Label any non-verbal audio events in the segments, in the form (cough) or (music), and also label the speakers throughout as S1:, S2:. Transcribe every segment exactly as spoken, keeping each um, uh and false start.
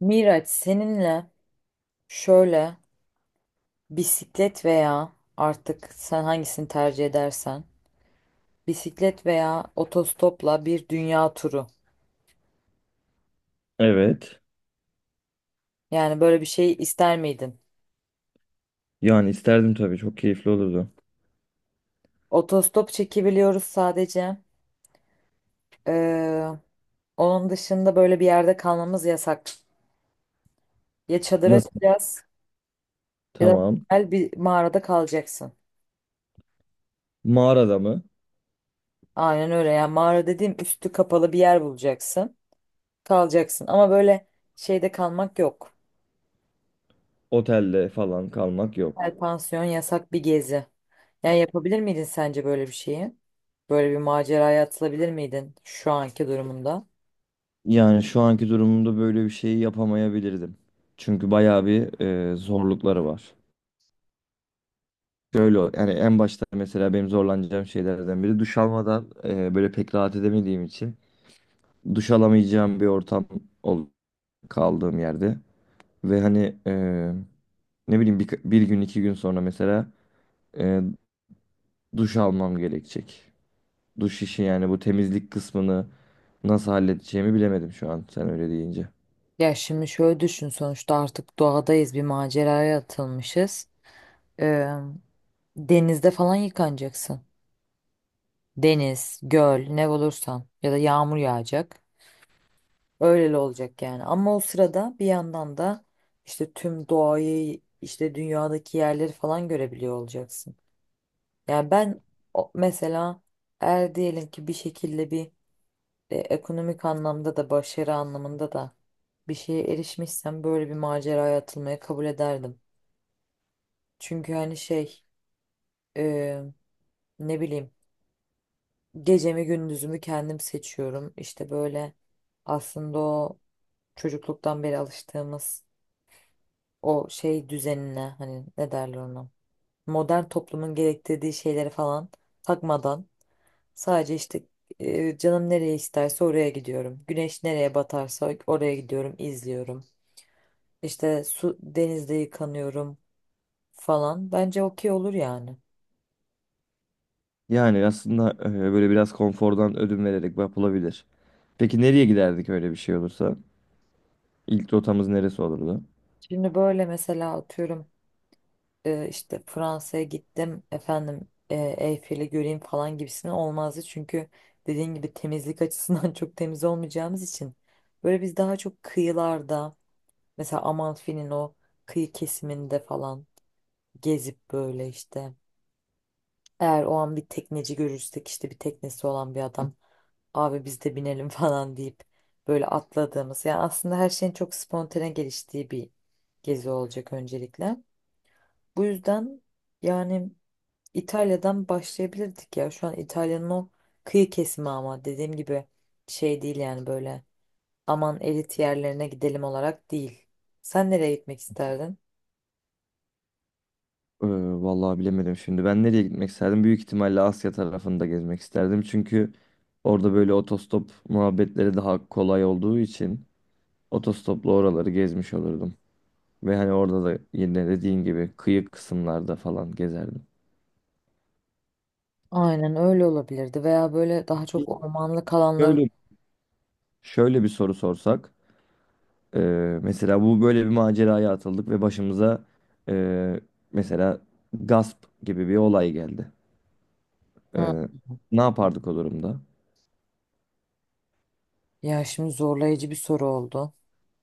S1: Miraç seninle şöyle bisiklet veya artık sen hangisini tercih edersen bisiklet veya otostopla bir dünya turu.
S2: Evet.
S1: Yani böyle bir şey ister miydin?
S2: Yani isterdim tabii. Çok keyifli olurdu.
S1: Otostop çekebiliyoruz sadece. Ee, Onun dışında böyle bir yerde kalmamız yasak. Ya çadır
S2: Nasıl?
S1: açacağız ya da
S2: Tamam.
S1: güzel bir mağarada kalacaksın.
S2: Mağarada mı?
S1: Aynen öyle, yani mağara dediğim üstü kapalı bir yer bulacaksın. Kalacaksın ama böyle şeyde kalmak yok.
S2: Otelde falan kalmak yok.
S1: Özel pansiyon yasak bir gezi. Yani yapabilir miydin sence böyle bir şeyi? Böyle bir maceraya atılabilir miydin şu anki durumunda?
S2: Yani şu anki durumumda böyle bir şeyi yapamayabilirdim. Çünkü bayağı bir e, zorlukları var. Şöyle yani en başta mesela benim zorlanacağım şeylerden biri duş almadan e, böyle pek rahat edemediğim için duş alamayacağım bir ortam ol kaldığım yerde. Ve hani e, ne bileyim bir, bir gün iki gün sonra mesela e, duş almam gerekecek. Duş işi yani bu temizlik kısmını nasıl halledeceğimi bilemedim şu an sen öyle deyince.
S1: Ya şimdi şöyle düşün, sonuçta artık doğadayız, bir maceraya atılmışız. Ee, Denizde falan yıkanacaksın. Deniz, göl ne olursan ya da yağmur yağacak. Öyle olacak yani. Ama o sırada bir yandan da işte tüm doğayı, işte dünyadaki yerleri falan görebiliyor olacaksın. Yani ben o- mesela eğer diyelim ki bir şekilde bir e, ekonomik anlamda da başarı anlamında da bir şeye erişmişsem böyle bir maceraya atılmayı kabul ederdim. Çünkü hani şey, e, ne bileyim, gecemi gündüzümü kendim seçiyorum. İşte böyle aslında o çocukluktan beri alıştığımız o şey düzenine, hani ne derler ona, modern toplumun gerektirdiği şeyleri falan takmadan, sadece işte e, canım nereye isterse oraya gidiyorum. Güneş nereye batarsa oraya gidiyorum, izliyorum. İşte su, denizde yıkanıyorum falan. Bence okey olur yani.
S2: Yani aslında e, böyle biraz konfordan ödün vererek yapılabilir. Peki nereye giderdik öyle bir şey olursa? İlk rotamız neresi olurdu?
S1: Şimdi böyle mesela atıyorum, e, işte Fransa'ya gittim efendim, e, Eyfel'i göreyim falan gibisine olmazdı. Çünkü dediğin gibi temizlik açısından (laughs) çok temiz olmayacağımız için böyle biz daha çok kıyılarda, mesela Amalfi'nin o kıyı kesiminde falan gezip böyle işte. Eğer o an bir tekneci görürsek, işte bir teknesi olan bir adam, abi biz de binelim (laughs) falan deyip böyle atladığımız, yani aslında her şeyin çok spontane geliştiği bir gezi olacak öncelikle. Bu yüzden yani İtalya'dan başlayabilirdik ya, şu an İtalya'nın o kıyı kesimi, ama dediğim gibi şey değil yani, böyle aman elit yerlerine gidelim olarak değil. Sen nereye gitmek isterdin?
S2: Ee, Vallahi bilemedim şimdi. Ben nereye gitmek isterdim? Büyük ihtimalle Asya tarafında gezmek isterdim. Çünkü orada böyle otostop muhabbetleri daha kolay olduğu için otostopla oraları gezmiş olurdum. Ve hani orada da yine dediğin gibi kıyı kısımlarda falan gezerdim.
S1: Aynen öyle olabilirdi veya böyle daha çok ormanlık alanların.
S2: Öyle. Şöyle bir soru sorsak, e, mesela bu böyle bir maceraya atıldık ve başımıza e, mesela gasp gibi bir olay geldi.
S1: Hı.
S2: E, Ne yapardık o durumda?
S1: Ya şimdi zorlayıcı bir soru oldu.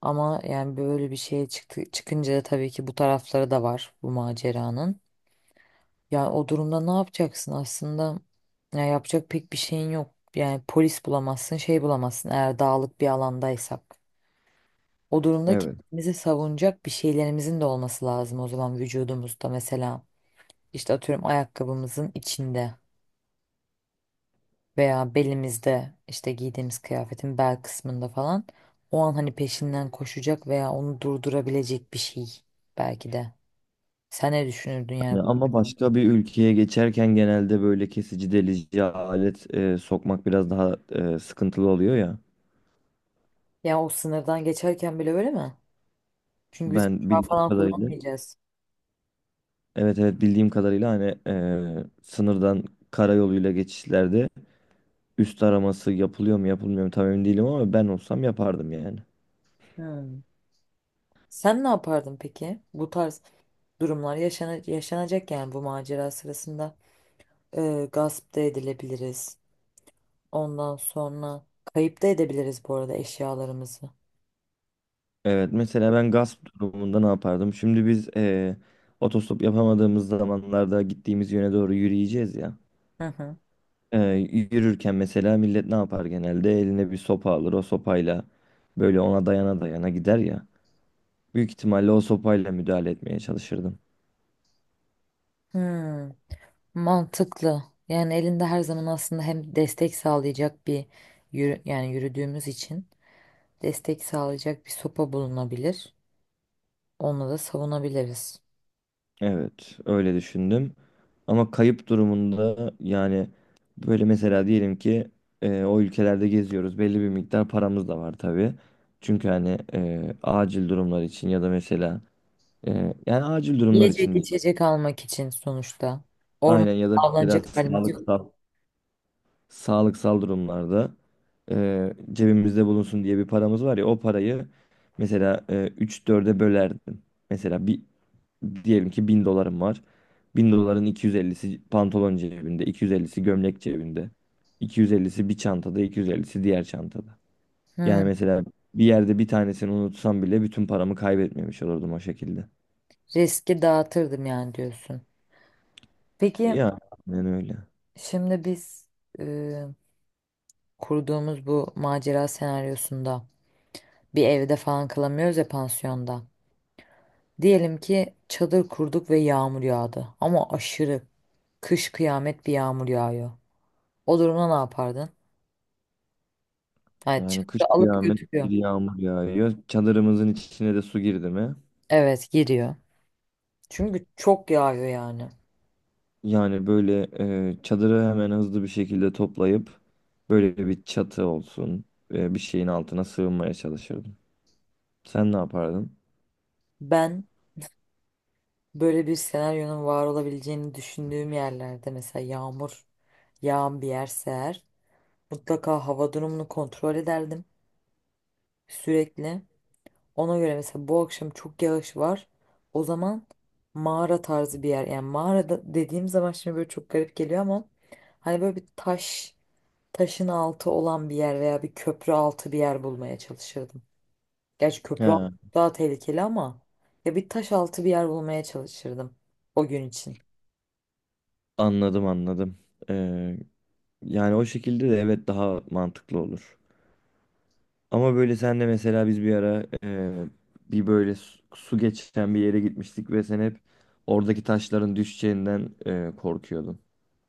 S1: Ama yani böyle bir şeye çıktı, çıkınca da tabii ki bu tarafları da var bu maceranın. Yani o durumda ne yapacaksın aslında? Ya yapacak pek bir şeyin yok. Yani polis bulamazsın, şey bulamazsın, eğer dağlık bir alandaysak. O durumda
S2: Evet.
S1: kendimizi savunacak bir şeylerimizin de olması lazım o zaman, vücudumuzda mesela. İşte atıyorum ayakkabımızın içinde veya belimizde, işte giydiğimiz kıyafetin bel kısmında falan, o an hani peşinden koşacak veya onu durdurabilecek bir şey belki de. Sen ne düşünürdün yani?
S2: Yani ama başka bir ülkeye geçerken genelde böyle kesici delici alet e, sokmak biraz daha e, sıkıntılı oluyor ya.
S1: Ya o sınırdan geçerken bile öyle mi? Çünkü biz
S2: Ben
S1: uçağı
S2: bildiğim
S1: falan
S2: kadarıyla
S1: kullanmayacağız.
S2: evet, evet, bildiğim kadarıyla hani eee, sınırdan karayoluyla geçişlerde üst araması yapılıyor mu yapılmıyor mu tam emin değilim ama ben olsam yapardım yani.
S1: Hmm. Sen ne yapardın peki? Bu tarz durumlar yaşana- yaşanacak yani bu macera sırasında. Ee, gasp da edilebiliriz. Ondan sonra kayıp da edebiliriz bu arada eşyalarımızı.
S2: Evet, mesela ben gasp durumunda ne yapardım? Şimdi biz eee, otostop yapamadığımız zamanlarda gittiğimiz yöne doğru yürüyeceğiz ya.
S1: Hı hı.
S2: Eee, yürürken mesela millet ne yapar genelde? Eline bir sopa alır, o sopayla böyle ona dayana dayana gider ya. Büyük ihtimalle o sopayla müdahale etmeye çalışırdım.
S1: Hmm. Mantıklı. Yani elinde her zaman aslında hem destek sağlayacak bir yürü, yani yürüdüğümüz için destek sağlayacak bir sopa bulunabilir. Onunla da savunabiliriz.
S2: Evet, öyle düşündüm. Ama kayıp durumunda yani böyle mesela diyelim ki e, o ülkelerde geziyoruz. Belli bir miktar paramız da var tabii. Çünkü hani e, acil durumlar için ya da mesela e, yani acil durumlar
S1: Yiyecek
S2: için değil.
S1: içecek almak için sonuçta. Orman,
S2: Aynen, ya da mesela
S1: avlanacak halimiz yok.
S2: sağlıksal sağlıksal durumlarda e, cebimizde bulunsun diye bir paramız var ya, o parayı mesela e, üç dörde bölerdim. Mesela bir, diyelim ki bin dolarım var. Bin doların iki yüz ellisi pantolon cebinde, iki yüz ellisi gömlek cebinde, iki yüz ellisi bir çantada, iki yüz ellisi diğer çantada. Yani
S1: Hmm,
S2: mesela bir yerde bir tanesini unutsam bile bütün paramı kaybetmemiş olurdum o şekilde.
S1: riski dağıtırdım yani diyorsun. Peki
S2: Yani öyle.
S1: şimdi biz e, kurduğumuz bu macera senaryosunda bir evde falan kalamıyoruz ya, pansiyonda. Diyelim ki çadır kurduk ve yağmur yağdı. Ama aşırı kış kıyamet bir yağmur yağıyor. O durumda ne yapardın? Yani
S2: Yani kış
S1: çadırı alıp
S2: kıyamet bir
S1: götürüyor.
S2: yağmur yağıyor. Çadırımızın içine de su girdi mi?
S1: Evet, giriyor. Çünkü çok yağıyor yani.
S2: Yani böyle e, çadırı hemen hızlı bir şekilde toplayıp böyle bir çatı olsun, e, bir şeyin altına sığınmaya çalışırdım. Sen ne yapardın?
S1: Ben böyle bir senaryonun var olabileceğini düşündüğüm yerlerde, mesela yağmur yağan bir yerse eğer, mutlaka hava durumunu kontrol ederdim sürekli. Ona göre mesela bu akşam çok yağış var. O zaman mağara tarzı bir yer. Yani mağarada dediğim zaman şimdi böyle çok garip geliyor ama hani böyle bir taş, taşın altı olan bir yer veya bir köprü altı bir yer bulmaya çalışırdım. Gerçi
S2: He,
S1: köprü altı daha tehlikeli ama ya bir taş altı bir yer bulmaya çalışırdım o gün için.
S2: anladım, anladım. E, Yani o şekilde de evet, daha mantıklı olur. Ama böyle senle mesela biz bir ara e, bir böyle su, su geçen bir yere gitmiştik ve sen hep oradaki taşların düşeceğinden e, korkuyordun.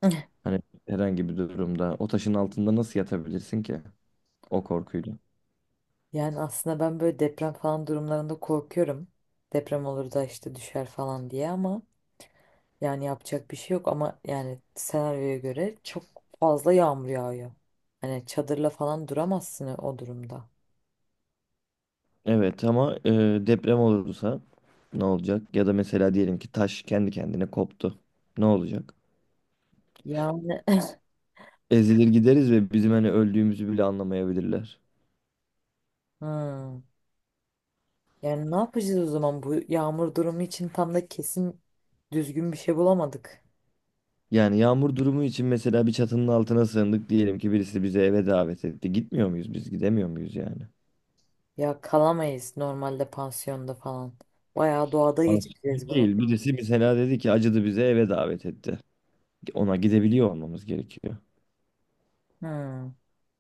S1: (laughs)
S2: Hani herhangi bir durumda o taşın altında nasıl yatabilirsin ki o korkuyla?
S1: Yani aslında ben böyle deprem falan durumlarında korkuyorum. Deprem olur da işte düşer falan diye ama yani yapacak bir şey yok, ama yani senaryoya göre çok fazla yağmur yağıyor. Hani çadırla falan duramazsın o durumda.
S2: Evet ama e, deprem olursa ne olacak? Ya da mesela diyelim ki taş kendi kendine koptu. Ne olacak?
S1: Yani
S2: Ezilir gideriz ve bizim hani öldüğümüzü bile anlamayabilirler.
S1: hmm. Yani ne yapacağız o zaman, bu yağmur durumu için tam da kesin düzgün bir şey bulamadık.
S2: Yani yağmur durumu için mesela bir çatının altına sığındık, diyelim ki birisi bizi eve davet etti. Gitmiyor muyuz biz? Gidemiyor muyuz yani?
S1: Ya kalamayız normalde pansiyonda falan. Bayağı doğada geçireceğiz
S2: Aslında
S1: bunu.
S2: değil. Birisi mesela dedi ki acıdı, bize eve davet etti. Ona gidebiliyor olmamız gerekiyor.
S1: Hmm.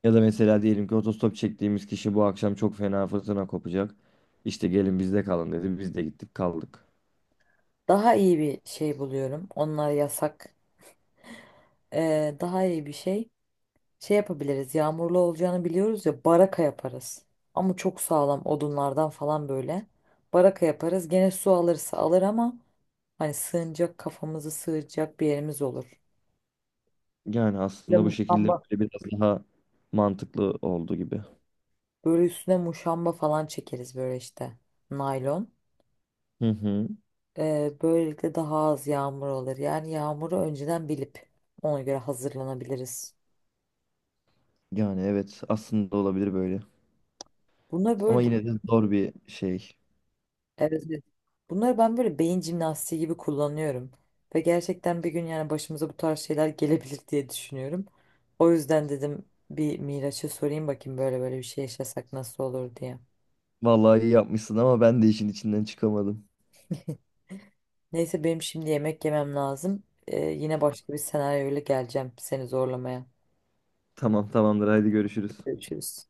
S2: Ya da mesela diyelim ki otostop çektiğimiz kişi bu akşam çok fena fırtına kopacak, İşte gelin bizde kalın dedi. Biz de gittik kaldık.
S1: Daha iyi bir şey buluyorum. Onlar yasak. Ee, daha iyi bir şey. Şey yapabiliriz. Yağmurlu olacağını biliyoruz ya, baraka yaparız. Ama çok sağlam odunlardan falan böyle. Baraka yaparız. Gene su alırsa alır ama hani sığınacak, kafamızı sığacak bir yerimiz olur.
S2: Yani
S1: Bir
S2: aslında bu şekilde
S1: muşamba.
S2: böyle biraz daha mantıklı oldu gibi.
S1: Böyle üstüne muşamba falan çekeriz böyle işte. Naylon.
S2: Hı hı.
S1: Ee, böylelikle daha az yağmur olur. Yani yağmuru önceden bilip ona göre hazırlanabiliriz.
S2: Yani evet, aslında olabilir böyle.
S1: Bunları
S2: Ama
S1: böyle
S2: yine de zor bir şey.
S1: evet, evet. Bunları ben böyle beyin jimnastiği gibi kullanıyorum. Ve gerçekten bir gün yani başımıza bu tarz şeyler gelebilir diye düşünüyorum. O yüzden dedim bir Miraç'a sorayım bakayım, böyle böyle bir şey yaşasak nasıl olur diye.
S2: Vallahi iyi yapmışsın ama ben de işin içinden çıkamadım.
S1: Neyse benim şimdi yemek yemem lazım. Ee, yine başka bir senaryoyla geleceğim seni zorlamaya.
S2: Tamam, tamamdır, haydi görüşürüz.
S1: Görüşürüz.